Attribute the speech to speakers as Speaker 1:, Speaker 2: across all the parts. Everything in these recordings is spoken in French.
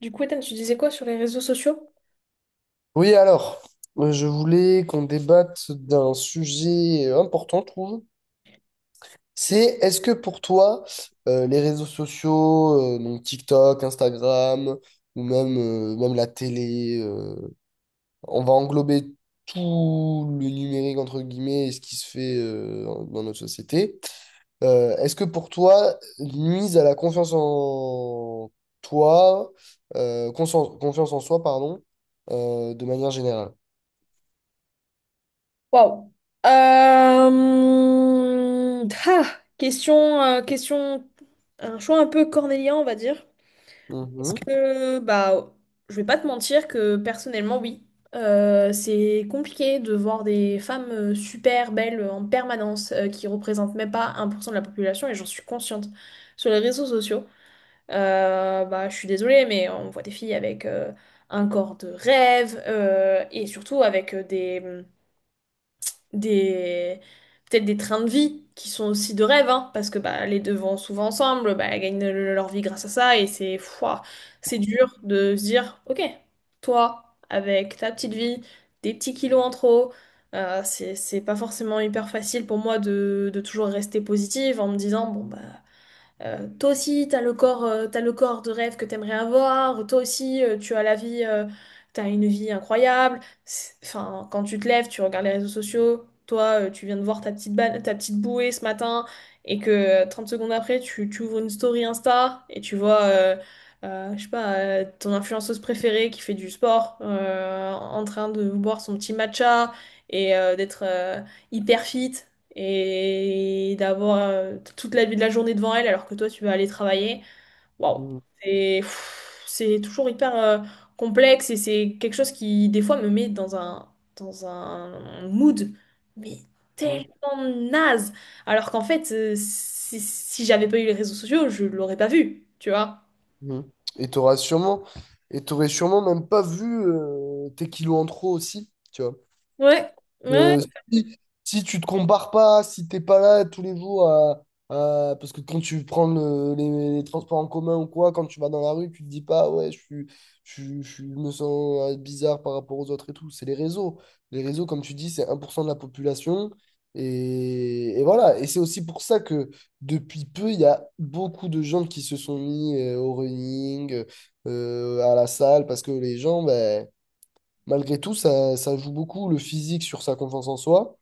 Speaker 1: Du coup, Ethan, tu disais quoi sur les réseaux sociaux?
Speaker 2: Oui, alors, je voulais qu'on débatte d'un sujet important, je trouve. C'est, est-ce que pour toi, les réseaux sociaux, donc TikTok, Instagram, ou même la télé, on va englober tout le numérique, entre guillemets, et ce qui se fait dans notre société. Est-ce que pour toi, nuise à la confiance en toi, confiance en soi, pardon, de manière générale?
Speaker 1: Waouh. Question, un choix un peu cornélien, on va dire. Parce que, bah, je vais pas te mentir que personnellement, oui. C'est compliqué de voir des femmes super belles en permanence, qui représentent même pas 1% de la population, et j'en suis consciente sur les réseaux sociaux. Bah, je suis désolée, mais on voit des filles avec un corps de rêve et surtout avec des peut-être des trains de vie qui sont aussi de rêve, hein, parce que bah, les deux vont souvent ensemble, bah, elles gagnent leur vie grâce à ça et c'est fouah, c'est dur de se dire, ok, toi, avec ta petite vie, des petits kilos en trop. C'est pas forcément hyper facile pour moi de toujours rester positive en me disant, bon, bah, toi aussi, t'as le corps de rêve que t'aimerais avoir. Toi aussi, tu as la vie, t'as une vie incroyable. Enfin, quand tu te lèves, tu regardes les réseaux sociaux. Toi, tu viens de voir ta petite bouée ce matin et que 30 secondes après, tu ouvres une story Insta et tu vois, je sais pas, ton influenceuse préférée qui fait du sport en train de boire son petit matcha et d'être hyper fit et d'avoir toute la journée devant elle alors que toi tu vas aller travailler, waouh,
Speaker 2: Mhm.
Speaker 1: c'est toujours hyper complexe et c'est quelque chose qui des fois me met dans un mood, mais
Speaker 2: Mhm,
Speaker 1: tellement naze, alors qu'en fait si j'avais pas eu les réseaux sociaux, je l'aurais pas vu, tu vois.
Speaker 2: mhm. Et t'auras sûrement, et t'aurais sûrement même pas vu tes kilos en trop aussi, tu vois.
Speaker 1: Ouais, ouais.
Speaker 2: Euh, si, Si tu te compares pas, si t'es pas là tous les jours parce que quand tu prends les transports en commun ou quoi, quand tu vas dans la rue, tu te dis pas ouais, je me sens bizarre par rapport aux autres et tout. C'est les réseaux. Les réseaux, comme tu dis, c'est 1% de la population. Et voilà. Et c'est aussi pour ça que depuis peu, il y a beaucoup de gens qui se sont mis au running, à la salle, parce que les gens, ben malgré tout, ça joue beaucoup le physique sur sa confiance en soi.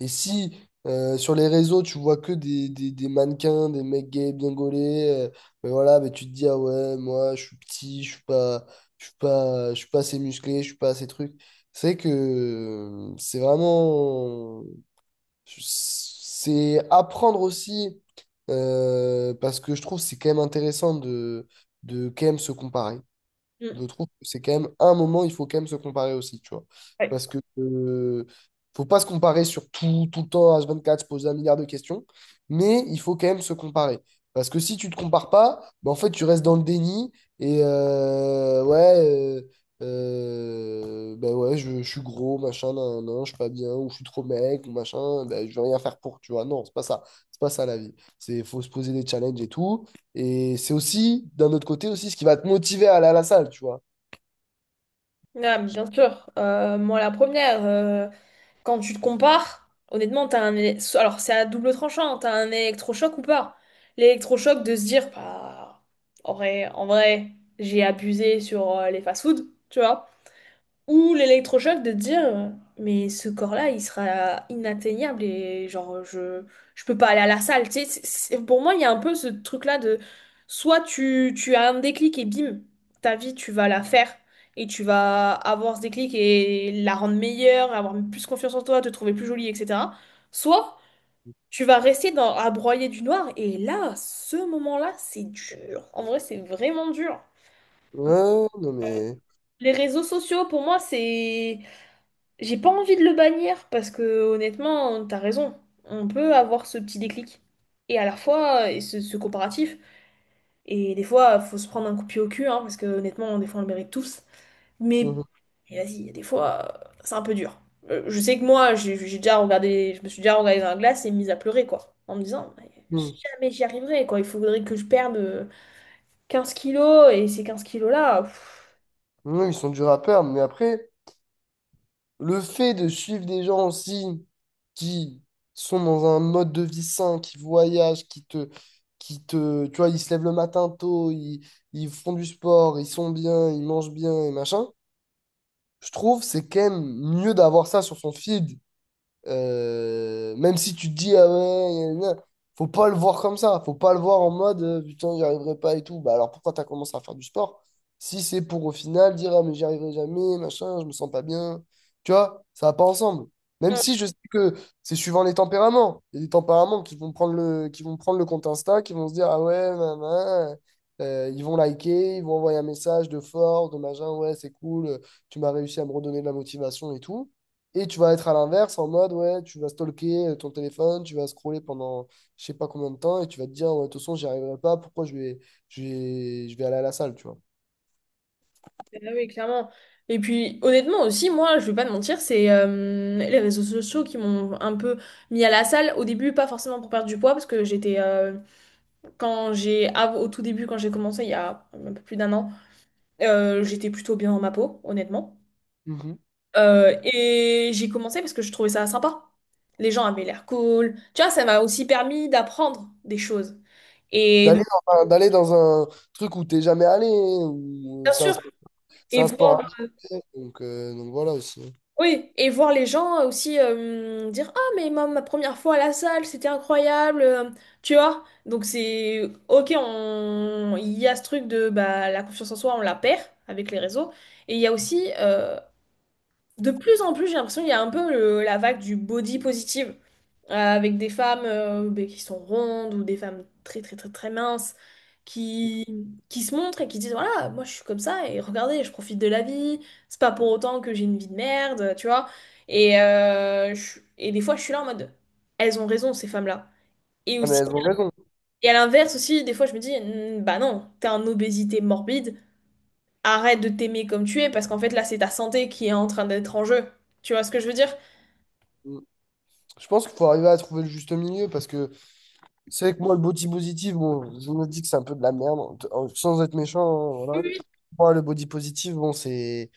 Speaker 2: Et si sur les réseaux, tu vois que des mannequins, des mecs gays bien gaulés, ben voilà, ben tu te dis, ah ouais, moi, je suis petit, je suis pas assez musclé, je suis pas assez truc. C'est que c'est vraiment. C'est apprendre aussi, parce que je trouve que c'est quand même intéressant de quand même se comparer. Je
Speaker 1: Mm.
Speaker 2: trouve que c'est quand même un moment, il faut quand même se comparer aussi, tu vois.
Speaker 1: Ouais.
Speaker 2: Parce que faut pas se comparer sur tout, tout le temps, H24, se poser un milliard de questions, mais il faut quand même se comparer. Parce que si tu te compares pas, bah, en fait, tu restes dans le déni et bah ouais, je suis gros, machin, nan, nan, je suis pas bien, ou je suis trop mec, ou machin, bah, je vais rien faire pour, tu vois. Non, c'est pas ça. C'est pas ça la vie. C'est, faut se poser des challenges et tout. Et c'est aussi, d'un autre côté aussi, ce qui va te motiver à aller à la salle, tu vois.
Speaker 1: Ah, bien sûr. Moi la première. Quand tu te compares, honnêtement, t'as un... éle- so- Alors, c'est à double tranchant, t'as un électrochoc ou pas? L'électrochoc de se dire, bah, en vrai, j'ai abusé sur les fast food tu vois. Ou l'électrochoc de te dire, mais ce corps-là, il sera inatteignable et genre, je peux pas aller à la salle. Tu sais, pour moi, il y a un peu ce truc-là de soit tu as un déclic et bim, ta vie, tu vas la faire et tu vas avoir ce déclic et la rendre meilleure, avoir plus confiance en toi, te trouver plus jolie, etc. Soit tu vas rester à broyer du noir et là, ce moment-là, c'est dur. En vrai, c'est vraiment dur.
Speaker 2: Ouais, non mais...
Speaker 1: Les réseaux sociaux, pour moi, c'est. J'ai pas envie de le bannir parce que honnêtement, t'as raison. On peut avoir ce petit déclic. Et à la fois, et ce comparatif. Et des fois, faut se prendre un coup de pied au cul, hein, parce que honnêtement, des fois, on le mérite tous. Mais
Speaker 2: Mhm.
Speaker 1: et vas-y, il y a des fois, c'est un peu dur. Je sais que moi, j'ai déjà regardé, je me suis déjà regardée dans la glace et mise à pleurer, quoi. En me disant, mais
Speaker 2: Mhm.
Speaker 1: jamais j'y arriverai, quoi. Il faudrait que je perde 15 kilos et ces 15 kilos-là.
Speaker 2: Mhm, ils sont durs à perdre, mais après, le fait de suivre des gens aussi qui sont dans un mode de vie sain, qui voyagent, tu vois, ils se lèvent le matin tôt, ils font du sport, ils sont bien, ils mangent bien et machin, je trouve c'est quand même mieux d'avoir ça sur son feed. Même si tu te dis, ah ouais, gna, gna, gna, faut pas le voir comme ça. Faut pas le voir en mode, putain, j'y arriverai pas et tout. Bah alors pourquoi t'as commencé à faire du sport? Si c'est pour au final dire, ah mais j'y arriverai jamais, machin, je me sens pas bien. Tu vois, ça va pas ensemble. Même si je sais que c'est suivant les tempéraments. Il y a des tempéraments qui vont qui vont prendre le compte Insta, qui vont se dire, ah ouais, nan, nan, ils vont liker, ils vont envoyer un message de force, de machin, ouais, c'est cool, tu m'as réussi à me redonner de la motivation et tout. Et tu vas être à l'inverse, en mode, ouais, tu vas stalker ton téléphone, tu vas scroller pendant je sais pas combien de temps, et tu vas te dire, ouais, de toute façon, j'y arriverai pas, pourquoi je vais aller à la salle, tu vois.
Speaker 1: Ah oui, clairement. Et puis, honnêtement aussi, moi, je vais pas te mentir, c'est les réseaux sociaux qui m'ont un peu mis à la salle. Au début, pas forcément pour perdre du poids, parce que j'étais, au tout début, quand j'ai commencé, il y a un peu plus d'un an, j'étais plutôt bien dans ma peau, honnêtement.
Speaker 2: Mhm.
Speaker 1: Et j'ai commencé parce que je trouvais ça sympa. Les gens avaient l'air cool. Tu vois, ça m'a aussi permis d'apprendre des choses. Et
Speaker 2: D'aller
Speaker 1: de-
Speaker 2: D'aller dans un truc où t'es jamais allé, où
Speaker 1: Bien
Speaker 2: c'est
Speaker 1: sûr.
Speaker 2: c'est
Speaker 1: et
Speaker 2: un sport
Speaker 1: voir
Speaker 2: à faire, donc voilà aussi.
Speaker 1: Oui, et voir les gens aussi dire ah, mais ma première fois à la salle, c'était incroyable, tu vois. Donc, c'est ok, il y a ce truc de bah, la confiance en soi, on la perd avec les réseaux. Et il y a aussi, de plus en plus, j'ai l'impression qu'il y a un peu la vague du body positive, avec des femmes ben, qui sont rondes ou des femmes très très très très minces qui se montrent et qui disent, voilà, moi je suis comme ça et regardez, je profite de la vie, c'est pas pour autant que j'ai une vie de merde, tu vois. Et des fois, je suis là en mode, elles ont raison, ces femmes-là. Et
Speaker 2: Ah, mais
Speaker 1: aussi,
Speaker 2: elles ont raison.
Speaker 1: et à l'inverse aussi, des fois, je me dis, hmm, bah non, t'es en obésité morbide, arrête de t'aimer comme tu es parce qu'en fait, là, c'est ta santé qui est en train d'être en jeu. Tu vois ce que je veux dire?
Speaker 2: Mmh. Je pense qu'il faut arriver à trouver le juste milieu, parce que c'est vrai que moi, le body positive, bon, je me dis que c'est un peu de la merde, sans être méchant, hein,
Speaker 1: Oui,
Speaker 2: voilà.
Speaker 1: oui.
Speaker 2: Moi, le body positive, bon, c'est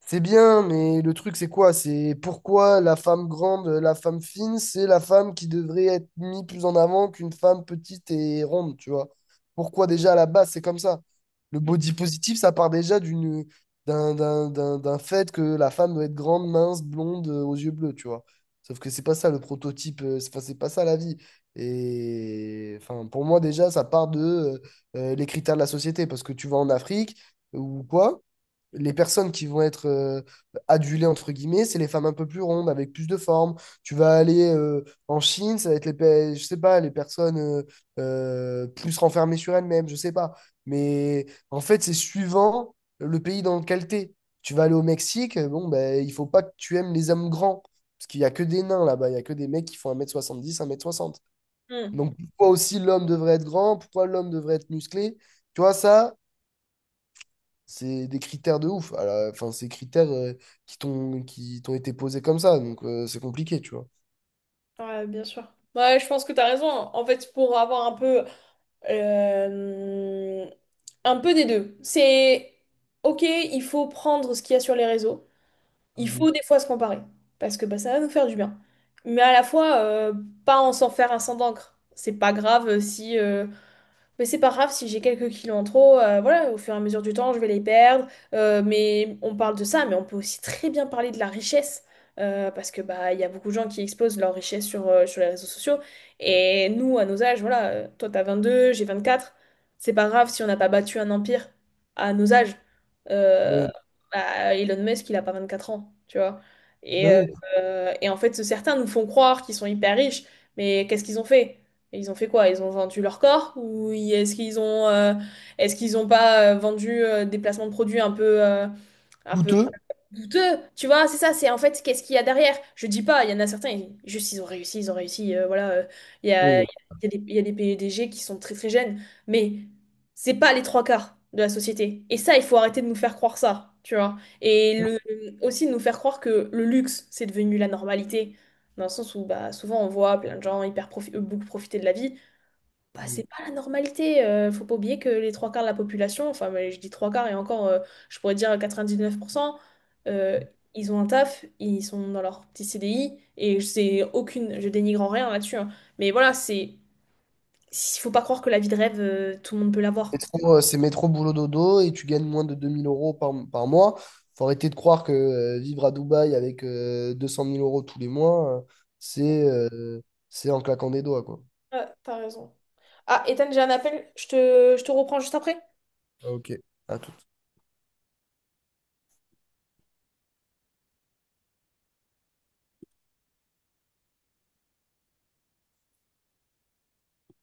Speaker 2: c'est bien, mais le truc, c'est quoi? C'est pourquoi la femme grande, la femme fine, c'est la femme qui devrait être mise plus en avant qu'une femme petite et ronde, tu vois? Pourquoi déjà à la base, c'est comme ça? Le body positive, ça part déjà d'une d'un d'un- d'un- d'un fait que la femme doit être grande, mince, blonde, aux yeux bleus, tu vois? Sauf que c'est pas ça le prototype, c'est enfin, c'est pas ça la vie. Et enfin, pour moi, déjà, ça part de les critères de la société. Parce que tu vas en Afrique ou quoi, les personnes qui vont être adulées, entre guillemets, c'est les femmes un peu plus rondes, avec plus de forme. Tu vas aller en Chine, ça va être je sais pas, les personnes plus renfermées sur elles-mêmes, je sais pas. Mais en fait, c'est suivant le pays dans lequel t'es. Tu vas aller au Mexique, bon, ben, il faut pas que tu aimes les hommes grands. Parce qu'il y a que des nains là-bas, il y a que des mecs qui font un mètre soixante.
Speaker 1: Hmm.
Speaker 2: Donc, pourquoi aussi l'homme devrait être grand? Pourquoi l'homme devrait être musclé? Tu vois, ça, c'est des critères de ouf. Alors, enfin, c'est des critères qui t'ont été posés comme ça. Donc, c'est compliqué, tu vois.
Speaker 1: Ouais, bien sûr. Ouais, je pense que tu as raison. En fait, pour avoir un peu, euh, des deux. Ok, il faut prendre ce qu'il y a sur les réseaux. Il
Speaker 2: Mhm.
Speaker 1: faut des fois se comparer, parce que bah, ça va nous faire du bien. Mais à la fois, pas en s'en faire un sang d'encre. C'est pas grave si, Mais c'est pas grave si j'ai quelques kilos en trop, voilà, au fur et à mesure du temps, je vais les perdre. Mais on parle de ça, mais on peut aussi très bien parler de la richesse. Parce que bah il y a beaucoup de gens qui exposent leur richesse sur les réseaux sociaux. Et nous, à nos âges, voilà, toi t'as 22, j'ai 24. C'est pas grave si on n'a pas battu un empire à nos âges. Euh,
Speaker 2: Oui,
Speaker 1: bah, Elon Musk, il a pas 24 ans, tu vois. Et, euh,
Speaker 2: oui, oui.
Speaker 1: et en fait, certains nous font croire qu'ils sont hyper riches, mais qu'est-ce qu'ils ont fait? Et ils ont fait quoi? Ils ont vendu leur corps est-ce qu'ils ont pas vendu des placements de produits un peu
Speaker 2: Douteux.
Speaker 1: douteux? Tu vois, c'est ça, c'est en fait qu'est-ce qu'il y a derrière? Je dis pas, il y en a certains, juste ils ont réussi, voilà, il y a, il
Speaker 2: Oui.
Speaker 1: il y a des PDG qui sont très très jeunes, mais c'est pas les trois quarts de la société. Et ça, il faut arrêter de nous faire croire ça, tu vois. Et aussi de nous faire croire que le luxe, c'est devenu la normalité. Dans le sens où bah, souvent on voit plein de gens beaucoup profiter de la vie, bah, c'est pas la normalité. Faut pas oublier que les trois quarts de la population, enfin, mais je dis trois quarts et encore, je pourrais dire 99%, euh, ils ont un taf, ils sont dans leur petit CDI et c'est aucune, je dénigre en rien là-dessus, hein. Mais voilà, il faut pas croire que la vie de rêve, tout le monde peut
Speaker 2: C'est
Speaker 1: l'avoir.
Speaker 2: trop, c'est métro boulot dodo et tu gagnes moins de 2000 euros par mois. Faut arrêter de croire que vivre à Dubaï avec 200 000 euros tous les mois, c'est euh, c'est en claquant des doigts, quoi.
Speaker 1: Ouais, t'as raison. Ah, Ethan, j'ai un appel, je te reprends juste après.
Speaker 2: Ok, à tout.